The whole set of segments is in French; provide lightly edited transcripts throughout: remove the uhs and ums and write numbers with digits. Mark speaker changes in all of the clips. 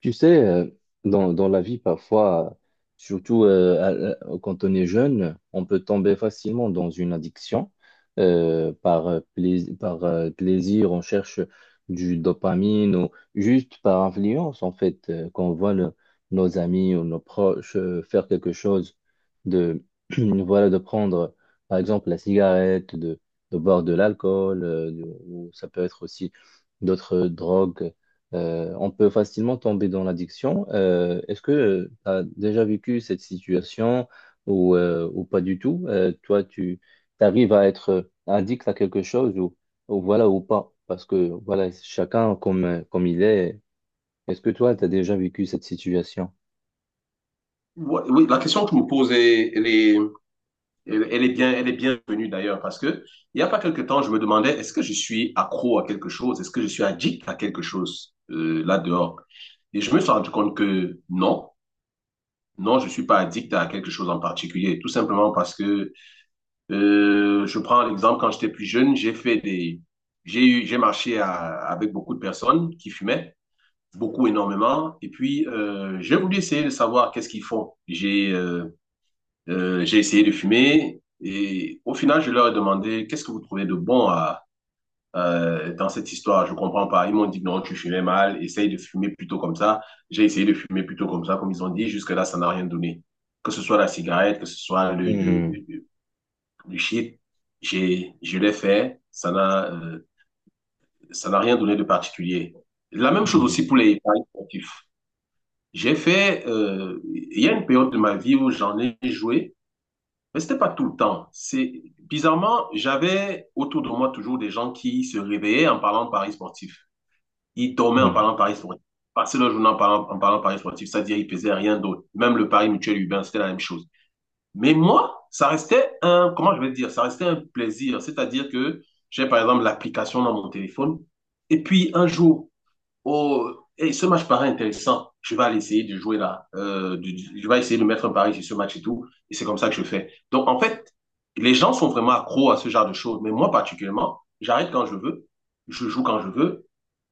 Speaker 1: Tu sais, dans la vie, parfois, surtout quand on est jeune, on peut tomber facilement dans une addiction. Par plais- par plaisir, on cherche du dopamine ou juste par influence, en fait, quand on voit nos amis ou nos proches faire quelque chose de, voilà, de prendre, par exemple, la cigarette, de boire de l'alcool, ou ça peut être aussi d'autres drogues on peut facilement tomber dans l'addiction. Est-ce que tu as déjà vécu cette situation ou pas du tout? Toi, tu arrives à être addict à quelque chose ou voilà ou pas? Parce que voilà, chacun comme il est. Est-ce que toi, tu as déjà vécu cette situation?
Speaker 2: Ouais, oui, la question que je me pose, est, elle, elle est bien, elle est bienvenue d'ailleurs, parce que il y a pas quelque temps, je me demandais, est-ce que je suis accro à quelque chose? Est-ce que je suis addict à quelque chose là dehors? Et je me suis rendu compte que non, non, je suis pas addict à quelque chose en particulier, tout simplement parce que je prends l'exemple quand j'étais plus jeune, j'ai fait des, j'ai eu, j'ai marché à- avec beaucoup de personnes qui fumaient, beaucoup énormément, et puis j'ai voulu essayer de savoir qu'est-ce qu'ils font. J'ai essayé de fumer et au final, je leur ai demandé qu'est-ce que vous trouvez de bon dans cette histoire? Je comprends pas. Ils m'ont dit non, tu fumais mal, essaye de fumer plutôt comme ça. J'ai essayé de fumer plutôt comme ça, comme ils ont dit. Jusque-là, ça n'a rien donné. Que ce soit la cigarette, que ce soit le, le,
Speaker 1: Hmm,
Speaker 2: le, le- le shit, je l'ai fait. Ça n'a rien donné de particulier. La même chose
Speaker 1: hmm,
Speaker 2: aussi pour les paris sportifs. Il y a une période de ma vie où j'en ai joué. Mais c'était pas tout le temps. C'est bizarrement, j'avais autour de moi toujours des gens qui se réveillaient en parlant de paris sportifs. Ils dormaient en parlant
Speaker 1: hmm.
Speaker 2: de paris sportifs. Passaient leur journée en parlant, de paris sportifs, c'est-à-dire ils pesaient rien d'autre. Même le pari mutuel urbain, c'était la même chose. Mais moi, ça restait un, comment je vais dire, ça restait un plaisir. C'est-à-dire que j'ai par exemple l'application dans mon téléphone. Et puis un jour, oh, et ce match paraît intéressant. Je vais aller essayer de jouer là. Je vais essayer de mettre un pari sur ce match et tout. Et c'est comme ça que je fais. Donc, en fait, les gens sont vraiment accros à ce genre de choses. Mais moi, particulièrement, j'arrête quand je veux. Je joue quand je veux.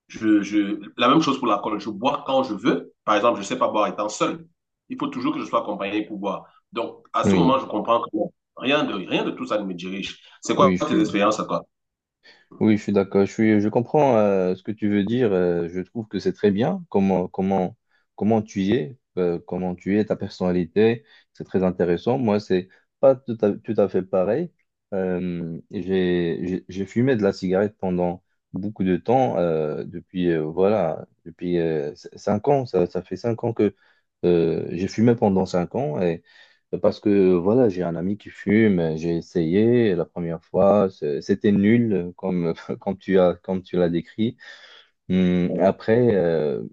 Speaker 2: La même chose pour l'alcool. Je bois quand je veux. Par exemple, je ne sais pas boire étant seul. Il faut toujours que je sois accompagné pour boire. Donc, à ce
Speaker 1: Oui,
Speaker 2: moment, je comprends que bon, rien de tout ça ne me dirige. C'est quoi
Speaker 1: oui,
Speaker 2: tes expériences à toi?
Speaker 1: oui, je suis d'accord. Je comprends ce que tu veux dire. Je trouve que c'est très bien comment tu es, ta personnalité. C'est très intéressant. Moi, c'est pas tout à fait pareil. J'ai fumé de la cigarette pendant beaucoup de temps, voilà, 5 ans. Ça fait 5 ans que j'ai fumé pendant 5 ans parce que voilà, j'ai un ami qui fume, j'ai essayé la première fois, c'était nul comme tu l'as décrit. Hum. Après, euh,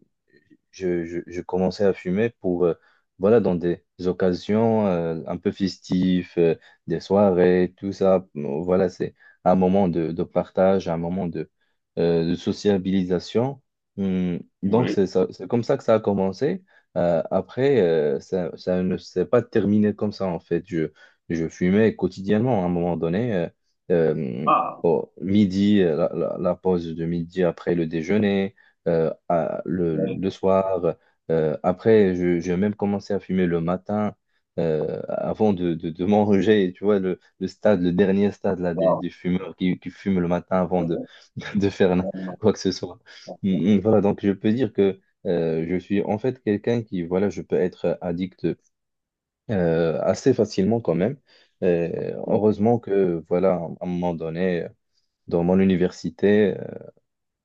Speaker 1: je, je- je commençais à fumer voilà, dans des occasions un peu festives, des soirées, tout ça. Voilà, c'est un moment de partage, un moment de sociabilisation. Donc,
Speaker 2: Oui.
Speaker 1: c'est comme ça que ça a commencé. Après, ça ne s'est pas terminé comme ça, en fait. Je fumais quotidiennement à un moment donné. Euh,
Speaker 2: Ah,
Speaker 1: Au midi, la pause de midi après le déjeuner,
Speaker 2: oui.
Speaker 1: le soir. Après, j'ai même commencé à fumer le matin, avant de manger. Tu vois, le stade, le dernier stade là,
Speaker 2: Wow.
Speaker 1: des fumeurs qui fument le matin avant
Speaker 2: Ouais, ouais,
Speaker 1: de faire
Speaker 2: ouais,
Speaker 1: quoi que ce soit.
Speaker 2: ouais, ouais.
Speaker 1: Voilà, donc je peux dire que je suis en fait quelqu'un qui, voilà, je peux être addict assez facilement quand même.
Speaker 2: Oui,
Speaker 1: Heureusement que, voilà, à un moment donné, dans mon université,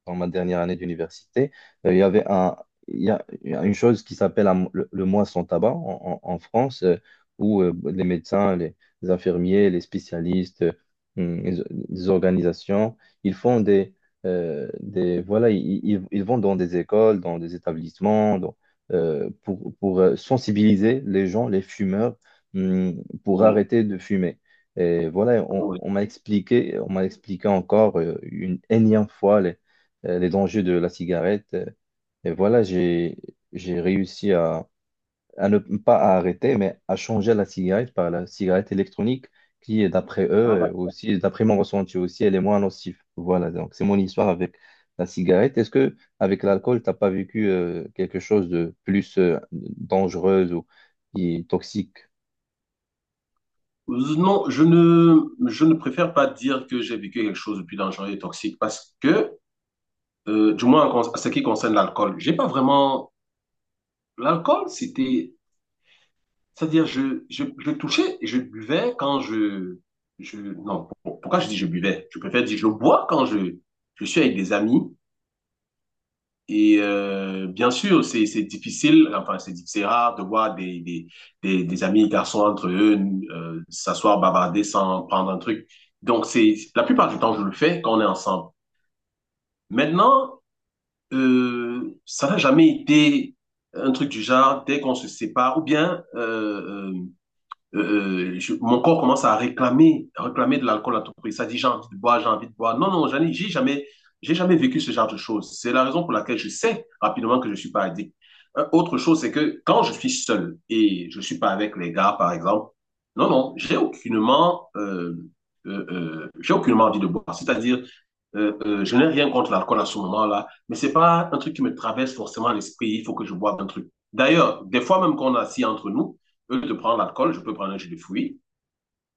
Speaker 1: dans ma dernière année d'université, il y avait un, il y a une chose qui s'appelle le mois sans tabac en France, où les médecins, les infirmiers, les spécialistes, hum, les, les organisations, ils font des voilà, ils vont dans des écoles, dans des établissements, pour, sensibiliser les gens, les fumeurs, pour
Speaker 2: oui,
Speaker 1: arrêter de fumer. Et voilà,
Speaker 2: oui.
Speaker 1: on m'a expliqué encore une énième fois les dangers de la cigarette. Et voilà, j'ai réussi à ne pas à arrêter, mais à changer la cigarette par la cigarette électronique qui, d'après eux,
Speaker 2: Ah bah,
Speaker 1: aussi, d'après mon ressenti aussi, elle est moins nocive. Voilà, donc c'est mon histoire avec la cigarette. Est-ce que avec l'alcool, t'as pas vécu quelque chose de plus dangereux ou qui est toxique?
Speaker 2: non, je ne préfère pas dire que j'ai vécu quelque chose de plus dangereux et toxique parce que, du moins en ce qui concerne l'alcool, j'ai pas vraiment. L'alcool, c'était. C'est-à-dire, je touchais et je buvais quand je. Non, pourquoi je dis je buvais? Je préfère dire je bois quand je suis avec des amis. Et bien sûr, c'est difficile, enfin c'est rare de voir des amis garçons entre eux s'asseoir bavarder sans prendre un truc. Donc c'est la plupart du temps je le fais quand on est ensemble. Maintenant, ça n'a jamais été un truc du genre dès qu'on se sépare ou bien mon corps commence à réclamer, de l'alcool à tout prix. Ça dit, j'ai envie de boire, j'ai envie de boire. Non, non, j'ai jamais vécu ce genre de choses. C'est la raison pour laquelle je sais rapidement que je suis pas addict. Autre chose, c'est que quand je suis seul et je suis pas avec les gars, par exemple, non, non, j'ai aucunement envie de boire. C'est-à-dire, je n'ai rien contre l'alcool à ce moment-là, mais c'est pas un truc qui me traverse forcément l'esprit. Il faut que je boive un truc. D'ailleurs, des fois même qu'on est assis entre nous, au lieu de prendre l'alcool, je peux prendre un jus de fruits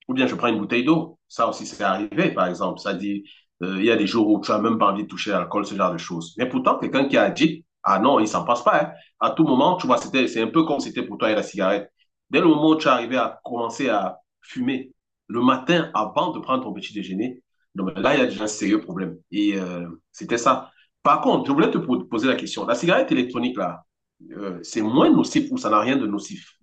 Speaker 2: ou bien je prends une bouteille d'eau. Ça aussi, c'est arrivé, par exemple. Ça dit, il y a des jours où tu n'as même pas envie de toucher à l'alcool, ce genre de choses. Mais pourtant, quelqu'un qui a dit, ah non, il ne s'en passe pas. Hein. À tout moment, tu vois, c'était, c'est un peu comme c'était pour toi et la cigarette. Dès le moment où tu es arrivé à commencer à fumer le matin avant de prendre ton petit déjeuner, donc là, il y a déjà un sérieux problème. Et c'était ça. Par contre, je voulais te poser la question. La cigarette électronique, là, c'est moins nocif ou ça n'a rien de nocif?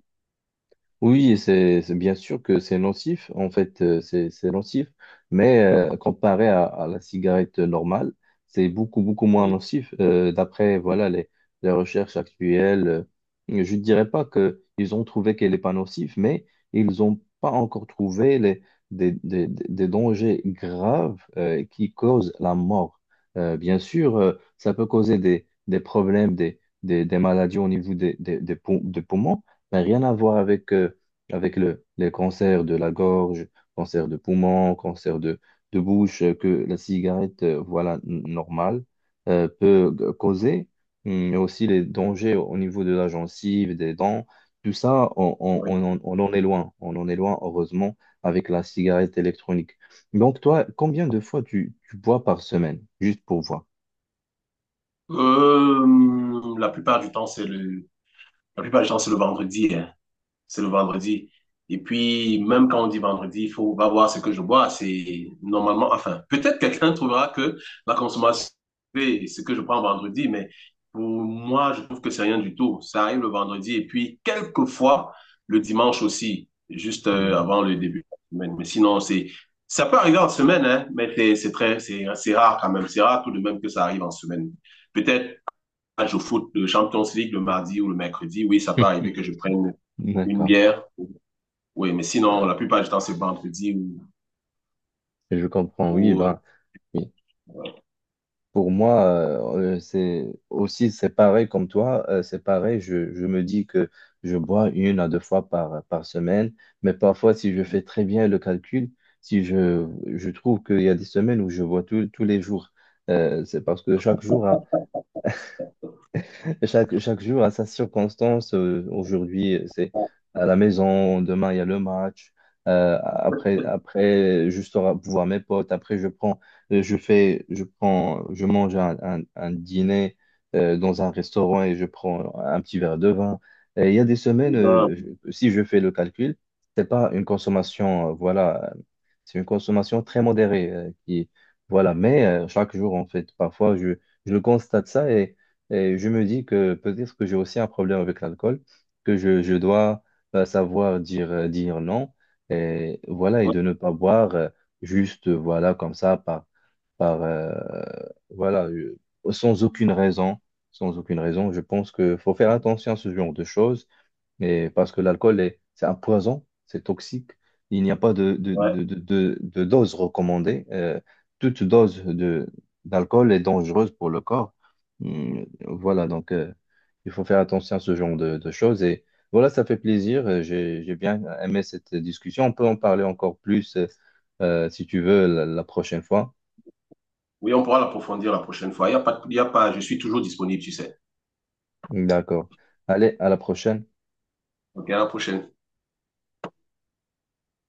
Speaker 1: Oui, c'est bien sûr que c'est nocif, en fait, c'est nocif, mais comparé à la cigarette normale, c'est beaucoup, beaucoup moins nocif. D'après, voilà, les recherches actuelles, je ne dirais pas que ils ont trouvé qu'elle n'est pas nocive, mais ils n'ont pas encore trouvé les, des dangers graves qui causent la mort. Bien sûr, ça peut causer des problèmes, des maladies au niveau des poumons, mais rien à voir avec les cancers de la gorge, cancer de poumon, cancer de bouche, que la cigarette, voilà, normale, peut causer. Mais aussi les dangers au niveau de la gencive, des dents, tout ça,
Speaker 2: Oui.
Speaker 1: on en est loin, on en est loin, heureusement, avec la cigarette électronique. Donc, toi, combien de fois tu bois par semaine, juste pour voir?
Speaker 2: Euh, la plupart du temps, c'est le, la plupart du temps, c'est le vendredi, hein. C'est le vendredi. Et puis, même quand on dit vendredi, il faut va voir ce que je bois. C'est normalement, enfin, peut-être quelqu'un trouvera que la consommation, c'est ce que je prends vendredi, mais pour moi, je trouve que c'est rien du tout. Ça arrive le vendredi et puis quelquefois le dimanche aussi, juste
Speaker 1: Mhm.
Speaker 2: avant le début de la semaine. Mais sinon, ça peut arriver en semaine, hein, mais c'est rare quand même. C'est rare tout de même que ça arrive en semaine. Peut-être match au foot de Champions League le mardi ou le mercredi, oui, ça peut arriver que je prenne une
Speaker 1: D'accord,
Speaker 2: bière. Oui, mais sinon, la plupart du temps, c'est vendredi
Speaker 1: je comprends. Oui,
Speaker 2: ou, euh,
Speaker 1: ben, pour moi, c'est aussi c'est pareil comme toi, c'est pareil. Je me dis que je bois une à deux fois par semaine, mais parfois, si je fais très bien le calcul, si je, je trouve qu'il y a des semaines où je bois tous les jours, c'est parce que chaque jour a, et Chaque, chaque jour à sa circonstance. Aujourd'hui, c'est à la maison. Demain, il y a le match. Après, juste au voir mes potes. Après, je prends, je fais, je prends, je mange un dîner dans un restaurant et je prends un petit verre de vin. Et il y a des semaines,
Speaker 2: ou ben,
Speaker 1: si je fais le calcul, c'est pas une consommation, voilà, c'est une consommation très modérée, voilà. Mais chaque jour, en fait, parfois, je constate ça et je me dis que peut-être que j'ai aussi un problème avec l'alcool, que je dois savoir dire non, et voilà, et
Speaker 2: ouais,
Speaker 1: de ne pas boire juste, voilà, comme ça, par euh, voilà, euh, sans aucune raison, sans aucune raison. Je pense qu'il faut faire attention à ce genre de choses mais parce que c'est un poison, c'est toxique. Il n'y a pas
Speaker 2: ouais.
Speaker 1: de dose recommandée. Toute dose d'alcool est dangereuse pour le corps. Voilà, donc il faut faire attention à ce genre de choses. Et voilà, ça fait plaisir. J'ai bien aimé cette discussion. On peut en parler encore plus si tu veux la prochaine fois.
Speaker 2: Oui, on pourra l'approfondir la prochaine fois. Il y a pas, je suis toujours disponible, tu sais.
Speaker 1: D'accord. Allez, à la prochaine.
Speaker 2: OK, à la prochaine.